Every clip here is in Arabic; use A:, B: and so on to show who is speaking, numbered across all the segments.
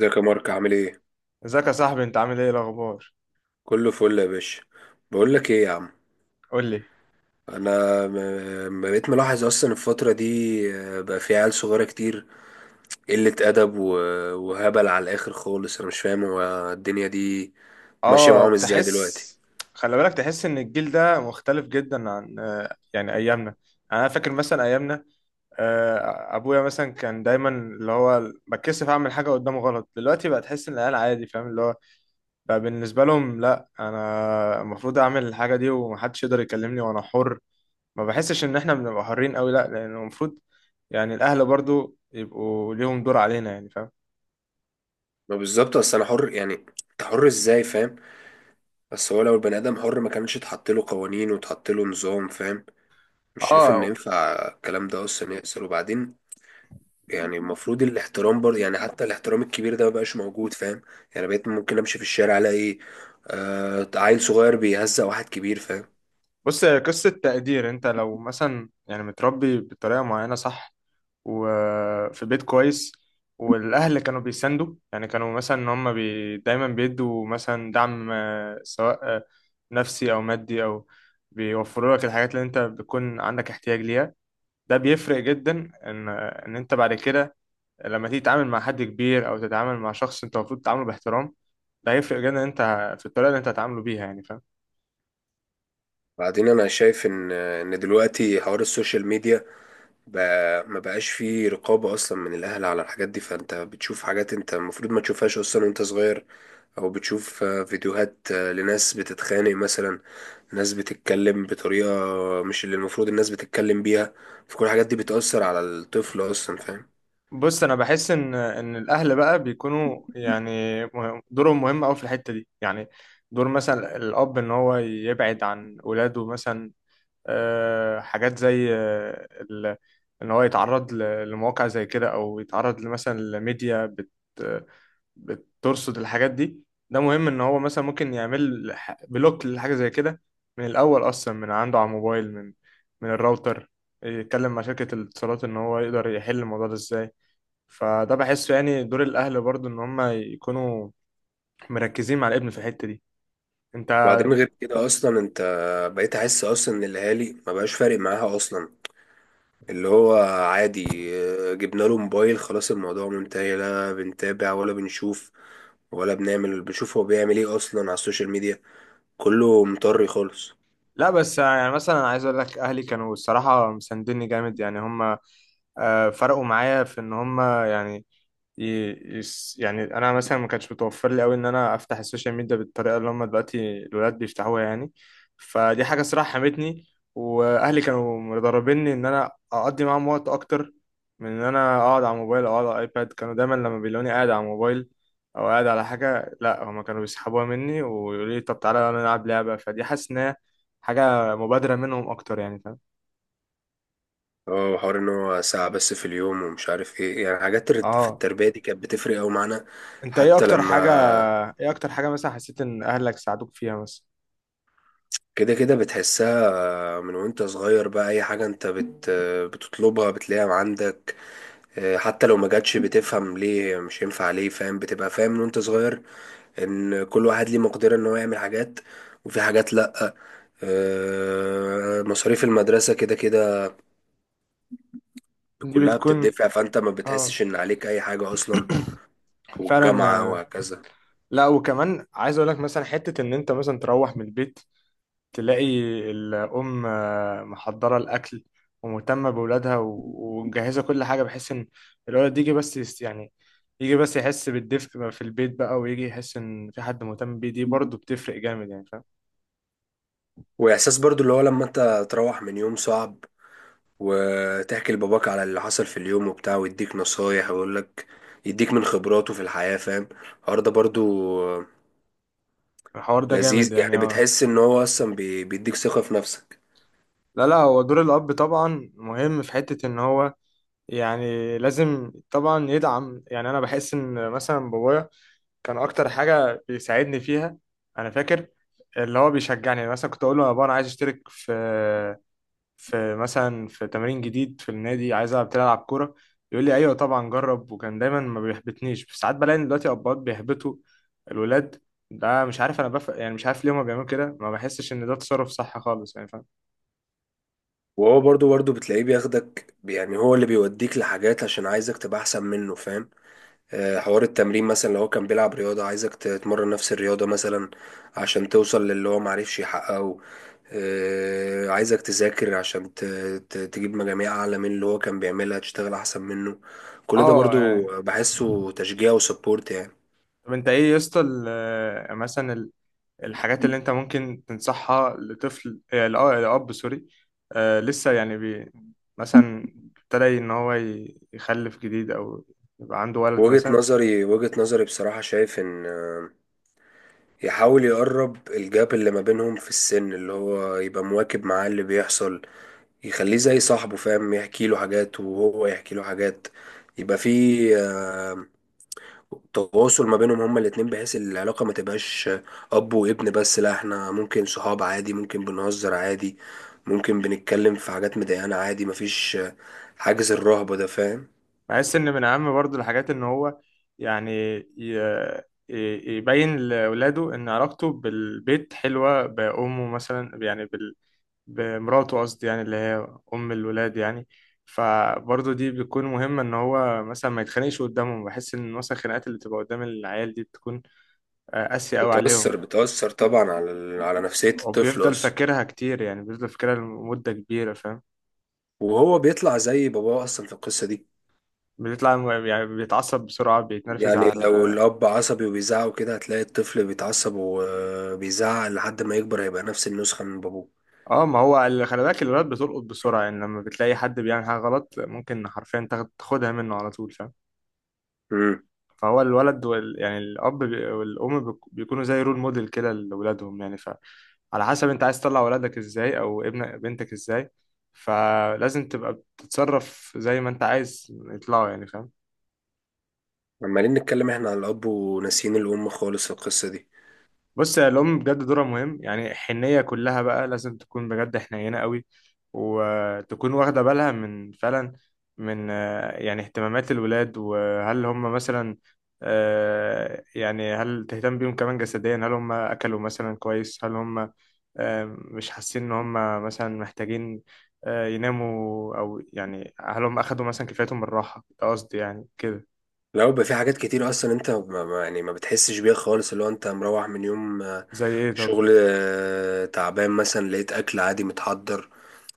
A: ازيك يا مارك؟ عامل ايه؟
B: ازيك يا صاحبي؟ انت عامل ايه؟ إيه الاخبار؟
A: كله فل يا باشا. بقول لك ايه يا عم.
B: قول لي.
A: انا بقيت ملاحظ اصلا الفتره دي. بقى في عيال صغيره كتير، قله ادب وهبل على الاخر خالص. انا مش فاهم هو الدنيا دي ماشيه
B: اه،
A: معاهم ازاي دلوقتي.
B: خلي بالك، تحس ان الجيل ده مختلف جدا عن يعني ايامنا. يعني انا فاكر مثلا ايامنا، ابويا مثلا كان دايما اللي هو بتكسف اعمل حاجه قدامه غلط. دلوقتي بقى تحس ان العيال عادي، فاهم؟ اللي هو بقى بالنسبه لهم، لا انا المفروض اعمل الحاجه دي ومحدش يقدر يكلمني وانا حر. ما بحسش ان احنا بنبقى حرين قوي، لا، لانه المفروض يعني الاهل برضو يبقوا ليهم دور علينا، يعني فاهم؟
A: ما بالظبط، اصل انا حر يعني انت حر ازاي؟ فاهم؟ بس هو لو البني ادم حر ما كانش اتحط له قوانين واتحط له نظام، فاهم؟ مش شايف ان
B: اه.
A: ينفع الكلام ده اصلا يحصل. وبعدين يعني المفروض الاحترام برضه، يعني حتى الاحترام الكبير ده مبقاش موجود، فاهم؟ يعني بقيت ممكن امشي في الشارع الاقي عيل صغير بيهزق واحد كبير، فاهم؟
B: بص، هي قصة تقدير. انت لو مثلا يعني متربي بطريقة معينة صح، وفي بيت كويس، والأهل كانوا بيساندوا، يعني كانوا مثلا إن هم دايما بيدوا مثلا دعم، سواء نفسي أو مادي أو بيوفروا لك الحاجات اللي انت بتكون عندك احتياج ليها. ده بيفرق جدا إن انت بعد كده لما تيجي تتعامل مع حد كبير أو تتعامل مع شخص انت المفروض تتعامله باحترام، ده هيفرق جدا. انت في الطريقة اللي انت هتعامله بيها، يعني فاهم؟
A: بعدين انا شايف ان دلوقتي حوار السوشيال ميديا بقى ما بقاش فيه رقابة اصلا من الاهل على الحاجات دي. فانت بتشوف حاجات انت المفروض ما تشوفهاش اصلا وانت صغير، او بتشوف فيديوهات لناس بتتخانق مثلا، ناس بتتكلم بطريقة مش اللي المفروض الناس بتتكلم بيها. فكل الحاجات دي بتأثر على الطفل اصلا، فاهم؟
B: بص، انا بحس ان الاهل بقى بيكونوا يعني دورهم مهم قوي في الحته دي، يعني دور مثلا الاب ان هو يبعد عن اولاده مثلا حاجات زي ان هو يتعرض لمواقع زي كده، او يتعرض مثلا لميديا بترصد الحاجات دي. ده مهم ان هو مثلا ممكن يعمل بلوك لحاجه زي كده من الاول، اصلا من عنده على الموبايل، من الراوتر، يتكلم مع شركه الاتصالات ان هو يقدر يحل الموضوع ده ازاي. فده بحسه يعني دور الاهل برضو ان هم يكونوا مركزين مع الابن في الحته دي. انت
A: بعدين غير كده اصلا انت بقيت احس اصلا ان الاهالي ما بقاش فارق معاها اصلا. اللي هو عادي، جبنا له موبايل خلاص الموضوع منتهي. لا بنتابع ولا بنشوف ولا بنشوف هو بيعمل ايه اصلا على السوشيال ميديا. كله مطري خالص.
B: لا بس، يعني مثلا عايز اقول لك، اهلي كانوا الصراحه مساندني جامد، يعني هم فرقوا معايا في ان هم يعني يعني انا مثلا ما كانش متوفر لي قوي ان انا افتح السوشيال ميديا بالطريقه اللي هم دلوقتي الولاد بيفتحوها يعني. فدي حاجه صراحه حمتني، واهلي كانوا مدربيني ان انا اقضي معاهم وقت اكتر من ان انا اقعد على الموبايل او اقعد على الايباد. كانوا دايما لما بيلاقوني قاعد على الموبايل او قاعد على حاجه، لا هما كانوا بيسحبوها مني ويقولوا لي طب تعالى يلا نلعب لعبه. فدي حاسس ان هي حاجه مبادره منهم اكتر، يعني فاهم؟
A: اه، حوار ان هو ساعة بس في اليوم ومش عارف ايه، يعني حاجات في
B: اه.
A: التربية دي كانت بتفرق اوي معانا.
B: انت ايه
A: حتى
B: اكتر حاجه؟
A: لما
B: ايه اكتر حاجه مثلا حسيت ان اهلك ساعدوك فيها مثلا؟
A: كده كده بتحسها، من وانت صغير، بقى اي حاجة انت بت آه، بتطلبها بتلاقيها عندك. حتى لو ما جاتش بتفهم ليه مش هينفع ليه، فاهم؟ بتبقى فاهم من وانت صغير ان كل واحد ليه مقدرة ان هو يعمل حاجات، وفي حاجات لا. مصاريف المدرسة كده كده
B: دي
A: كلها
B: بتكون.
A: بتدفع، فانت ما
B: اه.
A: بتحسش ان عليك اي حاجة اصلا،
B: فعلا.
A: والجامعة وهكذا.
B: لا، وكمان عايز اقول لك مثلا حتة ان انت مثلا تروح من البيت، تلاقي الام محضرة الاكل ومهتمة بولادها ومجهزة كل حاجة، بحيث ان الولد يجي بس يعني يجي بس يحس بالدفء بقى في البيت بقى، ويجي يحس ان في حد مهتم بيه. دي برضه بتفرق جامد، يعني فاهم؟
A: واحساس برضو اللي هو لما انت تروح من يوم صعب وتحكي لباباك على اللي حصل في اليوم وبتاع، ويديك نصايح ويقول لك، يديك من خبراته في الحياة، فاهم؟ الحوار ده برضو
B: الحوار ده
A: لذيذ
B: جامد،
A: يعني،
B: يعني اه.
A: بتحس ان هو اصلا بيديك ثقة في نفسك.
B: لا لا، هو دور الاب طبعا مهم في حتة ان هو يعني لازم طبعا يدعم. يعني انا بحس ان مثلا بابايا كان اكتر حاجه بيساعدني فيها، انا فاكر، اللي هو بيشجعني. يعني مثلا كنت اقول له يا بابا انا عايز اشترك في، في مثلا في تمرين جديد في النادي، عايز العب تلعب كوره، يقول لي ايوه طبعا جرب. وكان دايما ما بيحبطنيش. بس ساعات بلاقي إن دلوقتي اباء بيحبطوا الولاد. ده مش عارف انا يعني مش عارف ليه هما بيعملوا كده. ما بحسش ان ده تصرف صح خالص، يعني فاهم؟
A: وهو برضو بتلاقيه بياخدك، يعني هو اللي بيوديك لحاجات عشان عايزك تبقى احسن منه، فاهم؟ حوار التمرين مثلا، لو هو كان بيلعب رياضة عايزك تتمرن نفس الرياضة مثلا عشان توصل للي هو معرفش يحققه. عايزك تذاكر عشان تجيب مجاميع أعلى من اللي هو كان بيعملها، تشتغل أحسن منه. كل ده
B: اه،
A: برضو
B: يعني
A: بحسه تشجيع وسبورت يعني.
B: طب انت ايه يا اسطى مثلا الحاجات اللي انت ممكن تنصحها لطفل، لأب سوري، لسه يعني مثلا ابتدى ان هو يخلف جديد، او يبقى عنده ولد
A: وجهة
B: مثلا.
A: نظري وجهة نظري بصراحة شايف إن يحاول يقرب الجاب اللي ما بينهم في السن، اللي هو يبقى مواكب معاه اللي بيحصل، يخليه زي صاحبه فاهم، يحكي له حاجات وهو يحكي له حاجات، يبقى في آه، تواصل ما بينهم هما الاتنين، بحيث العلاقة ما تبقاش أب وابن بس، لا احنا ممكن صحاب عادي، ممكن بنهزر عادي، ممكن بنتكلم في حاجات مضايقانا عادي، مفيش حاجز الرهبة ده، فاهم؟
B: بحس ان من اهم برضو الحاجات ان هو يعني يبين لاولاده ان علاقته بالبيت حلوة، بامه مثلا، يعني بمراته قصدي، يعني اللي هي ام الولاد يعني. فبرضه دي بتكون مهمة، إن هو مثلا ما يتخانقش قدامهم. بحس إن مثلا الخناقات اللي بتبقى قدام العيال دي بتكون قاسية أوي عليهم،
A: بتأثر طبعا على نفسية الطفل
B: وبيفضل
A: أصلا.
B: فاكرها كتير، يعني بيفضل فاكرها لمدة كبيرة، فاهم؟
A: وهو بيطلع زي باباه أصلا في القصة دي.
B: بيطلع يعني بيتعصب بسرعة، بيتنرفز
A: يعني لو
B: على.
A: الأب عصبي وبيزعق كده هتلاقي الطفل بيتعصب وبيزعق، لحد ما يكبر هيبقى نفس النسخة من بابوه.
B: اه، ما هو اللي خلي بالك الولاد بتلقط بسرعة، يعني لما بتلاقي حد بيعمل حاجة غلط ممكن حرفيا تاخدها منه على طول، فاهم؟
A: امم
B: فهو الولد يعني الأب والأم بيكونوا زي رول موديل كده لأولادهم، يعني على حسب انت عايز تطلع ولادك ازاي، او ابنك بنتك ازاي، فلازم تبقى بتتصرف زي ما انت عايز يطلعوا، يعني فاهم؟
A: عمالين نتكلم احنا على الأب وناسيين الأم خالص القصة دي.
B: بص يا، الأم بجد دورها مهم. يعني الحنية كلها بقى لازم تكون بجد حنينة قوي، وتكون واخدة بالها من فعلا، من يعني اهتمامات الولاد، وهل هم مثلا يعني هل تهتم بيهم كمان جسديا، هل هم أكلوا مثلا كويس، هل هم مش حاسين إن هم مثلا محتاجين يناموا، أو يعني هل هم أخدوا مثلا كفايتهم من الراحة. ده قصدي يعني كده.
A: لو بيبقى في حاجات كتير أصلا أنت يعني ما بتحسش بيها خالص، اللي هو أنت مروح من يوم،
B: زي إيه طب؟
A: شغل تعبان مثلا، لقيت أكل عادي متحضر،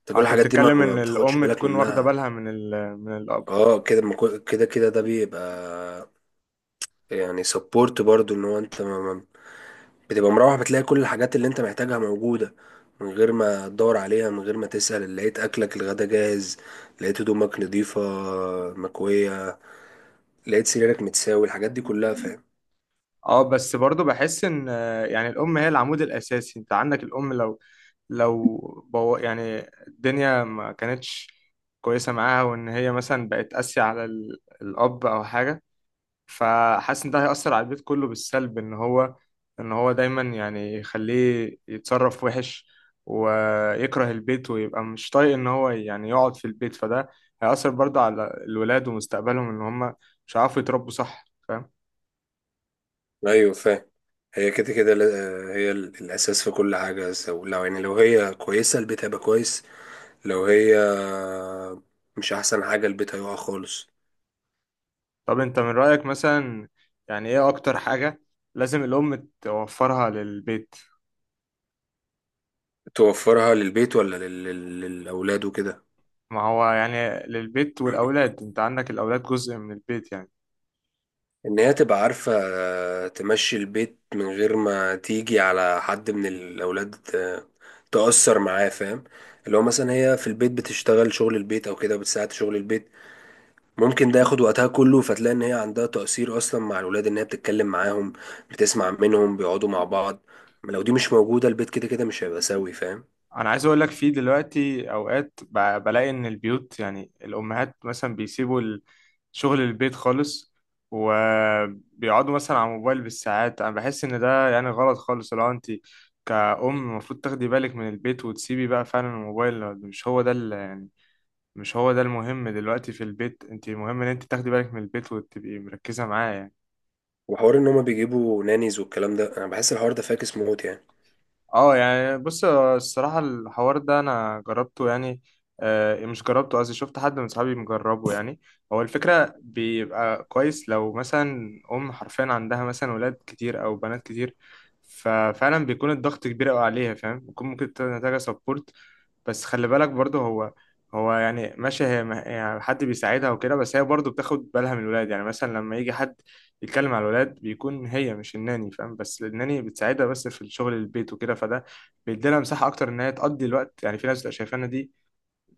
A: انت كل
B: أنت
A: الحاجات دي ما
B: بتتكلم
A: ما
B: إن
A: بتاخدش
B: الأم
A: بالك
B: تكون واخدة
A: منها.
B: بالها من ال من الأب.
A: اه كده ما كو- كده كده ده بيبقى يعني سبورت برضو، ان هو انت ما بتبقى مروح بتلاقي كل الحاجات اللي انت محتاجها موجودة، من غير ما تدور عليها من غير ما تسأل، لقيت أكلك الغدا جاهز، لقيت هدومك نضيفة مكوية، لقيت سريرك متساوي. الحاجات دي كلها فاهم؟
B: اه، بس برضو بحس ان يعني الام هي العمود الاساسي. انت عندك الام لو، لو، يعني الدنيا ما كانتش كويسه معاها، وان هي مثلا بقت قاسيه على الاب او حاجه، فحاسس ان ده هيأثر على البيت كله بالسلب. ان هو دايما يعني يخليه يتصرف وحش، ويكره البيت، ويبقى مش طايق ان هو يعني يقعد في البيت. فده هيأثر برضو على الولاد ومستقبلهم، ان هم مش هيعرفوا يتربوا صح.
A: ايوه فاهم. هي كده كده هي الاساس في كل حاجه. لو يعني لو هي كويسه البيت هيبقى كويس، لو هي مش احسن حاجه البيت هيقع خالص.
B: طب انت من رأيك مثلا، يعني ايه اكتر حاجة لازم الام توفرها للبيت؟
A: توفرها للبيت ولا للاولاد وكده؟
B: ما هو يعني للبيت والاولاد، انت عندك الاولاد جزء من البيت يعني.
A: ان هي تبقى عارفة تمشي البيت من غير ما تيجي على حد من الاولاد تأثر معاه، فاهم؟ اللي هو مثلا هي في البيت بتشتغل شغل البيت او كده بتساعد شغل البيت، ممكن ده ياخد وقتها كله، فتلاقي ان هي عندها تأثير اصلا مع الاولاد، ان هي بتتكلم معاهم بتسمع منهم بيقعدوا مع بعض. لو دي مش موجودة البيت كده كده مش هيبقى سوي، فاهم؟
B: انا عايز اقول لك، في دلوقتي اوقات بلاقي ان البيوت، يعني الامهات مثلا بيسيبوا شغل البيت خالص، وبيقعدوا مثلا على الموبايل بالساعات. انا بحس ان ده يعني غلط خالص. لو انت كأم، المفروض تاخدي بالك من البيت، وتسيبي بقى فعلا الموبايل. مش هو ده المهم دلوقتي في البيت، انت المهم ان انت تاخدي بالك من البيت وتبقي مركزة معاه، يعني
A: وحوار ان هما بيجيبوا نانيز والكلام ده، انا بحس الحوار ده فاكس موت يعني.
B: اه. يعني بص، الصراحة الحوار ده انا جربته، يعني مش جربته قصدي، شفت حد من صحابي مجربه، يعني هو الفكرة بيبقى كويس لو مثلا ام حرفيا عندها مثلا ولاد كتير او بنات كتير، ففعلا بيكون الضغط كبير قوي عليها، فاهم؟ بيكون ممكن تكون محتاجة سبورت. بس خلي بالك برضه، هو يعني ماشي، هي يعني حد بيساعدها وكده، بس هي برضه بتاخد بالها من الولاد. يعني مثلا لما يجي حد يتكلم على الولاد بيكون هي، مش الناني، فاهم؟ بس الناني بتساعدها بس في الشغل البيت وكده. فده بيديلها مساحة أكتر إن هي تقضي الوقت، يعني في ناس بتبقى شايفانا دي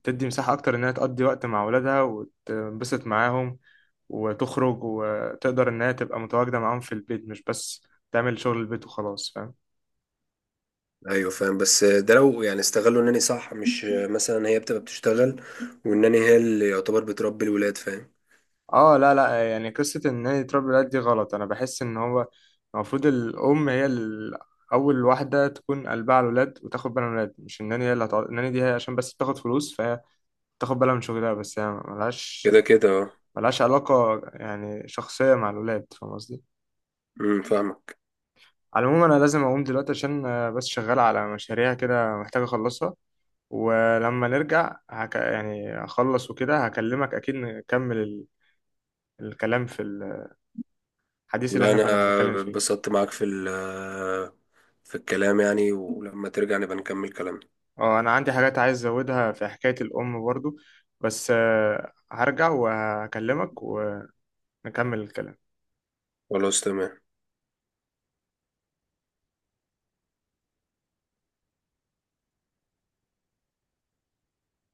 B: تدي مساحة أكتر إن هي تقضي وقت مع ولادها وتنبسط معاهم وتخرج، وتقدر إن هي تبقى متواجدة معاهم في البيت، مش بس تعمل شغل البيت وخلاص، فاهم؟
A: ايوه فاهم، بس ده لو يعني استغلوا انني صح، مش مثلا هي بتبقى بتشتغل وانني هي اللي يعتبر بتربي الولاد، فاهم؟
B: اه لا لا، يعني قصة ان هي تربي الولاد دي غلط. انا بحس ان هو المفروض الام هي اول واحدة تكون قلبها على الولاد وتاخد بالها من الولاد، مش الناني هي اللي هتقعد. الناني دي هي عشان بس بتاخد فلوس، فهي تاخد بالها من شغلها بس، هي ملهاش
A: كده كده اه.
B: ملهاش علاقة يعني شخصية مع الولاد، فاهم قصدي؟
A: فاهمك.
B: على العموم، انا لازم اقوم دلوقتي عشان بس شغال على مشاريع كده محتاج اخلصها. ولما نرجع يعني اخلص وكده هكلمك اكيد، نكمل الكلام في الحديث اللي
A: لا
B: احنا
A: انا
B: كنا بنتكلم فيه.
A: اتبسطت معاك في في الكلام يعني، ولما ترجع نبقى نكمل كلامنا.
B: اه، انا عندي حاجات عايز ازودها في حكاية الام برضو، بس هرجع وهكلمك ونكمل الكلام.
A: خلاص تمام.